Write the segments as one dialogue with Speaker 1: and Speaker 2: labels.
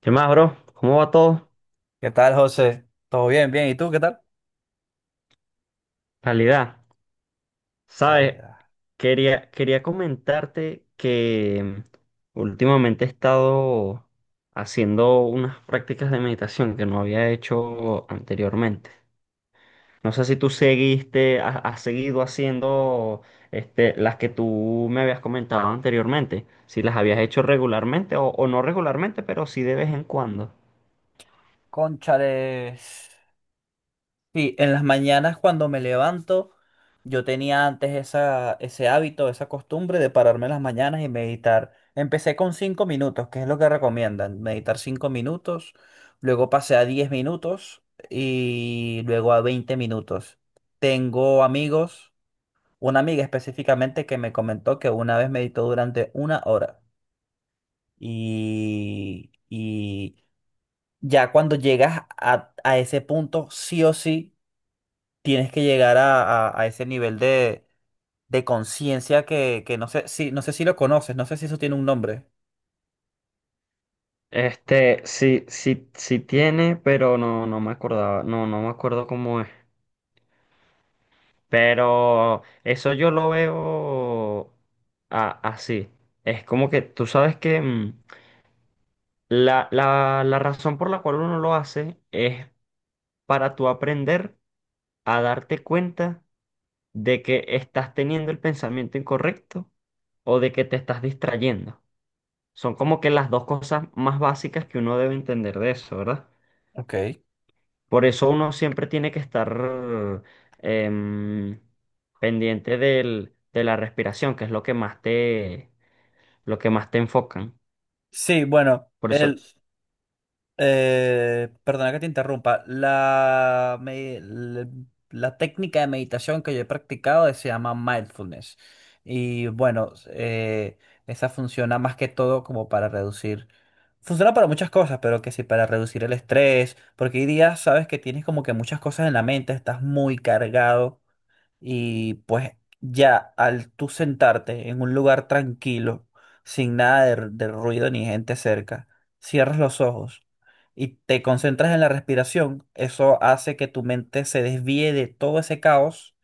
Speaker 1: ¿Qué más, bro? ¿Cómo va todo?
Speaker 2: ¿Qué tal, José? ¿Todo bien? Bien. ¿Y tú qué tal?
Speaker 1: Calidad. ¿Sabes?
Speaker 2: Calidad.
Speaker 1: Quería comentarte que últimamente he estado haciendo unas prácticas de meditación que no había hecho anteriormente. No sé si tú seguiste, has seguido haciendo las que tú me habías comentado anteriormente, si las habías hecho regularmente o no regularmente, pero sí de vez en cuando.
Speaker 2: Cónchales. Sí, en las mañanas cuando me levanto, yo tenía antes ese hábito, esa costumbre de pararme en las mañanas y meditar. Empecé con 5 minutos, que es lo que recomiendan, meditar 5 minutos, luego pasé a 10 minutos y luego a 20 minutos. Tengo amigos, una amiga específicamente que me comentó que una vez meditó durante 1 hora y ya cuando llegas a ese punto, sí o sí, tienes que llegar a ese nivel de conciencia que no sé si lo conoces, no sé si eso tiene un nombre.
Speaker 1: Sí, sí, sí tiene, pero no, no me acordaba, no, no me acuerdo cómo es. Pero eso yo lo veo así. Es como que tú sabes que la razón por la cual uno lo hace es para tú aprender a darte cuenta de que estás teniendo el pensamiento incorrecto o de que te estás distrayendo. Son como que las dos cosas más básicas que uno debe entender de eso, ¿verdad?
Speaker 2: Ok.
Speaker 1: Por eso uno siempre tiene que estar em, de la respiración, que es lo que más te, lo que más te enfocan.
Speaker 2: Sí, bueno,
Speaker 1: Por eso,
Speaker 2: Perdona que te interrumpa. La técnica de meditación que yo he practicado se llama mindfulness. Y bueno, esa funciona más que todo como para reducir. Funciona para muchas cosas, pero que sí, para reducir el estrés. Porque hoy día sabes que tienes como que muchas cosas en la mente, estás muy cargado. Y pues ya al tú sentarte en un lugar tranquilo, sin nada de ruido ni gente cerca, cierras los ojos y te concentras en la respiración, eso hace que tu mente se desvíe de todo ese caos,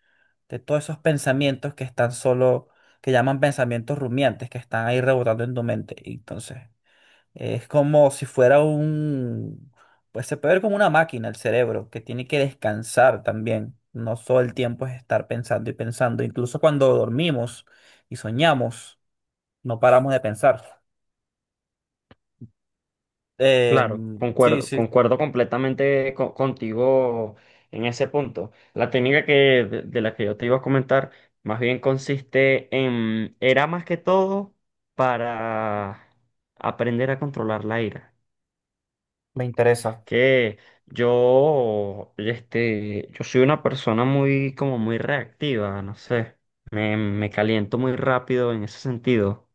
Speaker 2: de todos esos pensamientos que están solo, que llaman pensamientos rumiantes, que están ahí rebotando en tu mente. Y entonces es como si fuera un, pues se puede ver como una máquina el cerebro, que tiene que descansar también. No todo el tiempo es estar pensando y pensando. Incluso cuando dormimos y soñamos, no paramos de pensar.
Speaker 1: claro,
Speaker 2: Sí, sí,
Speaker 1: concuerdo completamente contigo en ese punto. La técnica de la que yo te iba a comentar, más bien consiste en, era más que todo para aprender a controlar la ira.
Speaker 2: me interesa.
Speaker 1: Que yo, este, yo soy una persona muy, como muy reactiva, no sé. Me caliento muy rápido en ese sentido.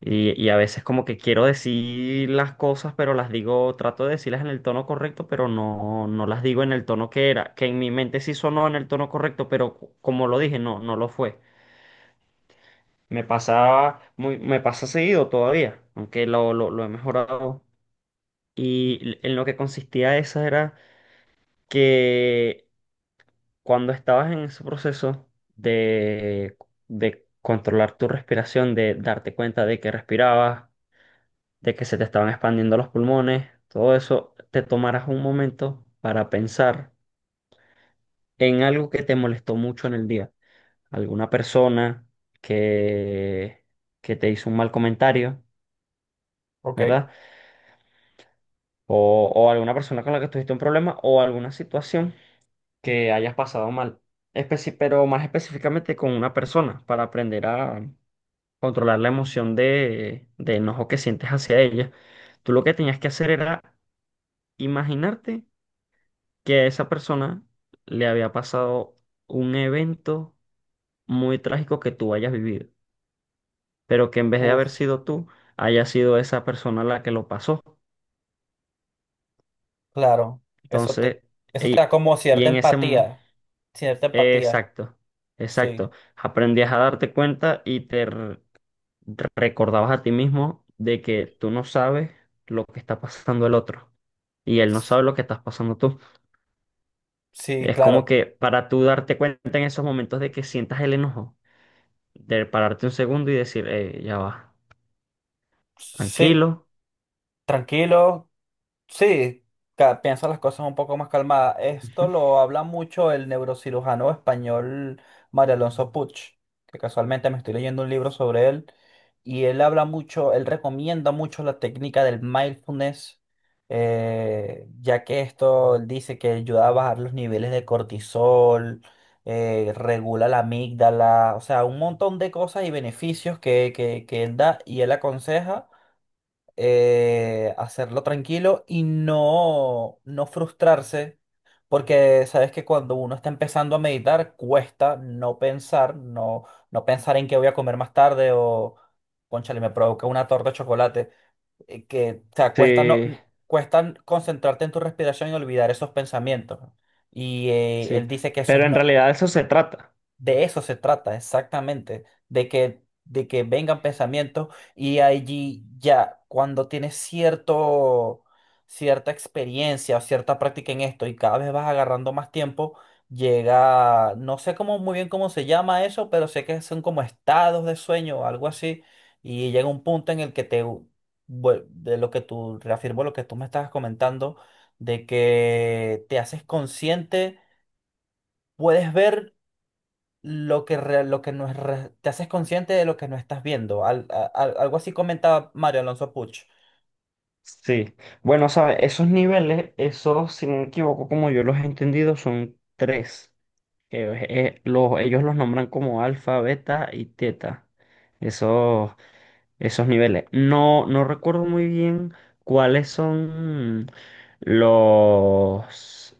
Speaker 1: Y a veces como que quiero decir las cosas, pero las digo, trato de decirlas en el tono correcto, pero no, no las digo en el tono que era. Que en mi mente sí sonó en el tono correcto, pero como lo dije, no, no lo fue. Me pasa seguido todavía, aunque lo he mejorado. Y en lo que consistía esa era que cuando estabas en ese proceso de, de controlar tu respiración, de darte cuenta de que respirabas, de que se te estaban expandiendo los pulmones, todo eso, te tomarás un momento para pensar en algo que te molestó mucho en el día. Alguna persona que, que te hizo un mal comentario,
Speaker 2: Ok.
Speaker 1: ¿verdad? O alguna persona con la que tuviste un problema o alguna situación que hayas pasado mal. Pero más específicamente con una persona para aprender a controlar la emoción de enojo que sientes hacia ella. Tú lo que tenías que hacer era imaginarte que a esa persona le había pasado un evento muy trágico que tú hayas vivido, pero que en vez de
Speaker 2: Uf,
Speaker 1: haber sido tú, haya sido esa persona la que lo pasó.
Speaker 2: claro. Eso te,
Speaker 1: Entonces,
Speaker 2: eso te da
Speaker 1: y,
Speaker 2: como
Speaker 1: y
Speaker 2: cierta
Speaker 1: en ese...
Speaker 2: empatía. Cierta empatía.
Speaker 1: exacto,
Speaker 2: Sí.
Speaker 1: exacto. Aprendías a darte cuenta y recordabas a ti mismo de que tú no sabes lo que está pasando el otro y él no sabe lo que estás pasando tú.
Speaker 2: Sí,
Speaker 1: Es como
Speaker 2: claro.
Speaker 1: que para tú darte cuenta en esos momentos de que sientas el enojo, de pararte un segundo y decir, ya va,
Speaker 2: Sí.
Speaker 1: tranquilo".
Speaker 2: Tranquilo. Sí, piensa las cosas un poco más calmadas. Esto
Speaker 1: Ujú.
Speaker 2: lo habla mucho el neurocirujano español María Alonso Puig, que casualmente me estoy leyendo un libro sobre él, y él habla mucho, él recomienda mucho la técnica del mindfulness, ya que esto él dice que ayuda a bajar los niveles de cortisol, regula la amígdala, o sea, un montón de cosas y beneficios que él da y él aconseja, hacerlo tranquilo y no frustrarse, porque sabes que cuando uno está empezando a meditar, cuesta no pensar, no pensar en qué voy a comer más tarde o, cónchale, me provoca una torta de chocolate, que, o sea, cuesta, no,
Speaker 1: Sí,
Speaker 2: n- cuesta concentrarte en tu respiración y olvidar esos pensamientos. Y él
Speaker 1: sí.
Speaker 2: dice que eso es
Speaker 1: Pero en
Speaker 2: no,
Speaker 1: realidad de eso se trata.
Speaker 2: de eso se trata exactamente, de que vengan pensamientos y allí ya cuando tienes cierta experiencia o cierta práctica en esto y cada vez vas agarrando más tiempo, llega, no sé cómo, muy bien cómo se llama eso, pero sé que son como estados de sueño o algo así y llega un punto en el que de lo que tú, reafirmo lo que tú me estabas comentando, de que te haces consciente, puedes ver lo que no es re- te haces consciente de lo que no estás viendo. Algo así comentaba Mario Alonso Puch.
Speaker 1: Sí. Bueno, sabes, esos niveles, esos, si no me equivoco, como yo los he entendido, son tres. Que, ellos los nombran como alfa, beta y teta. Esos. Esos niveles. No, no recuerdo muy bien cuáles son los,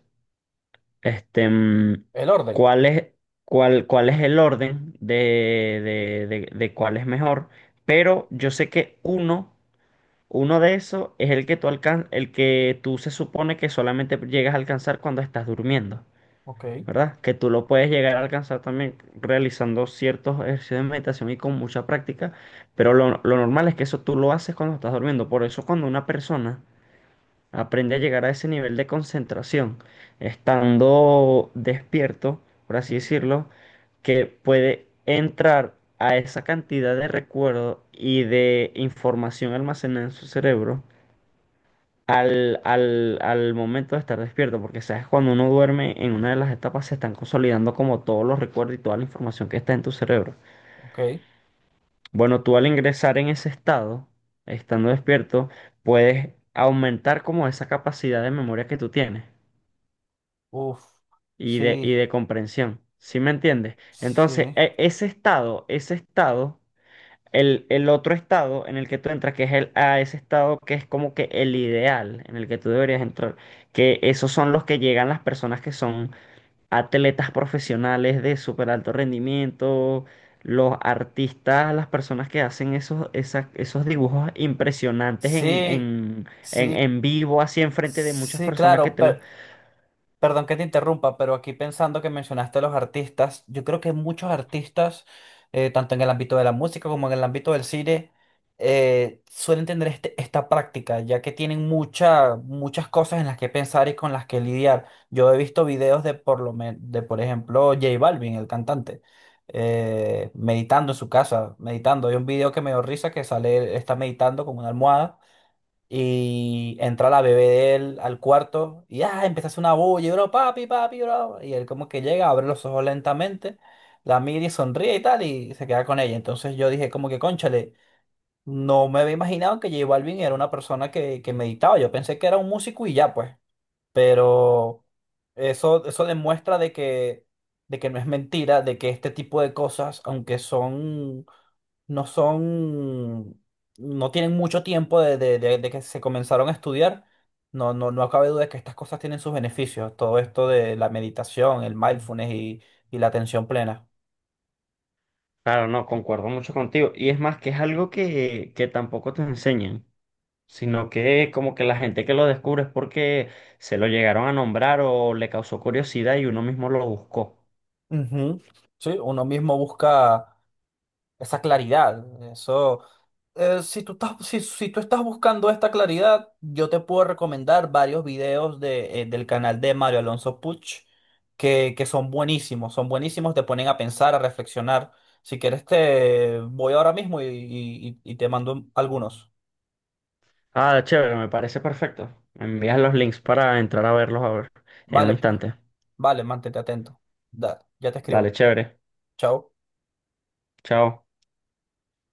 Speaker 1: este,
Speaker 2: El orden.
Speaker 1: cuál es, cuál, cuál es el orden de cuál es mejor, pero yo sé que uno, uno de esos es el que el que tú se supone que solamente llegas a alcanzar cuando estás durmiendo.
Speaker 2: Ok,
Speaker 1: ¿Verdad? Que tú lo puedes llegar a alcanzar también realizando ciertos ejercicios de meditación y con mucha práctica, pero lo normal es que eso tú lo haces cuando estás durmiendo. Por eso cuando una persona aprende a llegar a ese nivel de concentración, estando despierto, por así decirlo, que puede entrar a esa cantidad de recuerdo y de información almacenada en su cerebro al momento de estar despierto, porque sabes, cuando uno duerme en una de las etapas se están consolidando como todos los recuerdos y toda la información que está en tu cerebro.
Speaker 2: ok.
Speaker 1: Bueno, tú al ingresar en ese estado, estando despierto, puedes aumentar como esa capacidad de memoria que tú tienes
Speaker 2: Uf,
Speaker 1: y
Speaker 2: sí,
Speaker 1: de comprensión. ¿Sí me entiendes? Entonces,
Speaker 2: sí,
Speaker 1: ese estado, ese estado. El otro estado en el que tú entras, que es el, a ese estado que es como que el ideal en el que tú deberías entrar, que esos son los que llegan las personas que son atletas profesionales de súper alto rendimiento, los artistas, las personas que hacen esos dibujos impresionantes
Speaker 2: sí, sí,
Speaker 1: en vivo, así enfrente de muchas
Speaker 2: sí,
Speaker 1: personas que
Speaker 2: claro.
Speaker 1: te los...
Speaker 2: Perdón que te interrumpa, pero aquí pensando que mencionaste a los artistas, yo creo que muchos artistas, tanto en el ámbito de la música como en el ámbito del cine, suelen tener esta práctica, ya que tienen muchas cosas en las que pensar y con las que lidiar. Yo he visto videos de por ejemplo, J Balvin, el cantante, meditando en su casa, meditando. Hay un video que me dio risa que sale, él está meditando con una almohada y entra la bebé de él al cuarto y ah, empieza a hacer una bulla, y bro, papi, papi, bro. Y él como que llega, abre los ojos lentamente, la mira y sonríe y tal, y se queda con ella. Entonces yo dije como que, cónchale, no me había imaginado que J Balvin era una persona que meditaba. Yo pensé que era un músico y ya, pues. Pero eso demuestra de que no es mentira, de que este tipo de cosas, aunque son, no tienen mucho tiempo de que se comenzaron a estudiar, no cabe duda de que estas cosas tienen sus beneficios. Todo esto de la meditación, el mindfulness y la atención plena.
Speaker 1: Claro, no, concuerdo mucho contigo. Y es más, que es algo que tampoco te enseñan, sino que como que la gente que lo descubre es porque se lo llegaron a nombrar o le causó curiosidad y uno mismo lo buscó.
Speaker 2: Ujú. Sí, uno mismo busca esa claridad. Eso. Si tú estás buscando esta claridad, yo te puedo recomendar varios videos del canal de Mario Alonso Puch que son buenísimos, te ponen a pensar, a reflexionar. Si quieres, te voy ahora mismo y te mando algunos.
Speaker 1: Ah, chévere, me parece perfecto. Me envías los links para entrar a verlos a ver en un
Speaker 2: Vale, pues.
Speaker 1: instante.
Speaker 2: Vale, mantente atento. Da, ya te
Speaker 1: Dale,
Speaker 2: escribo.
Speaker 1: chévere.
Speaker 2: Chao.
Speaker 1: Chao.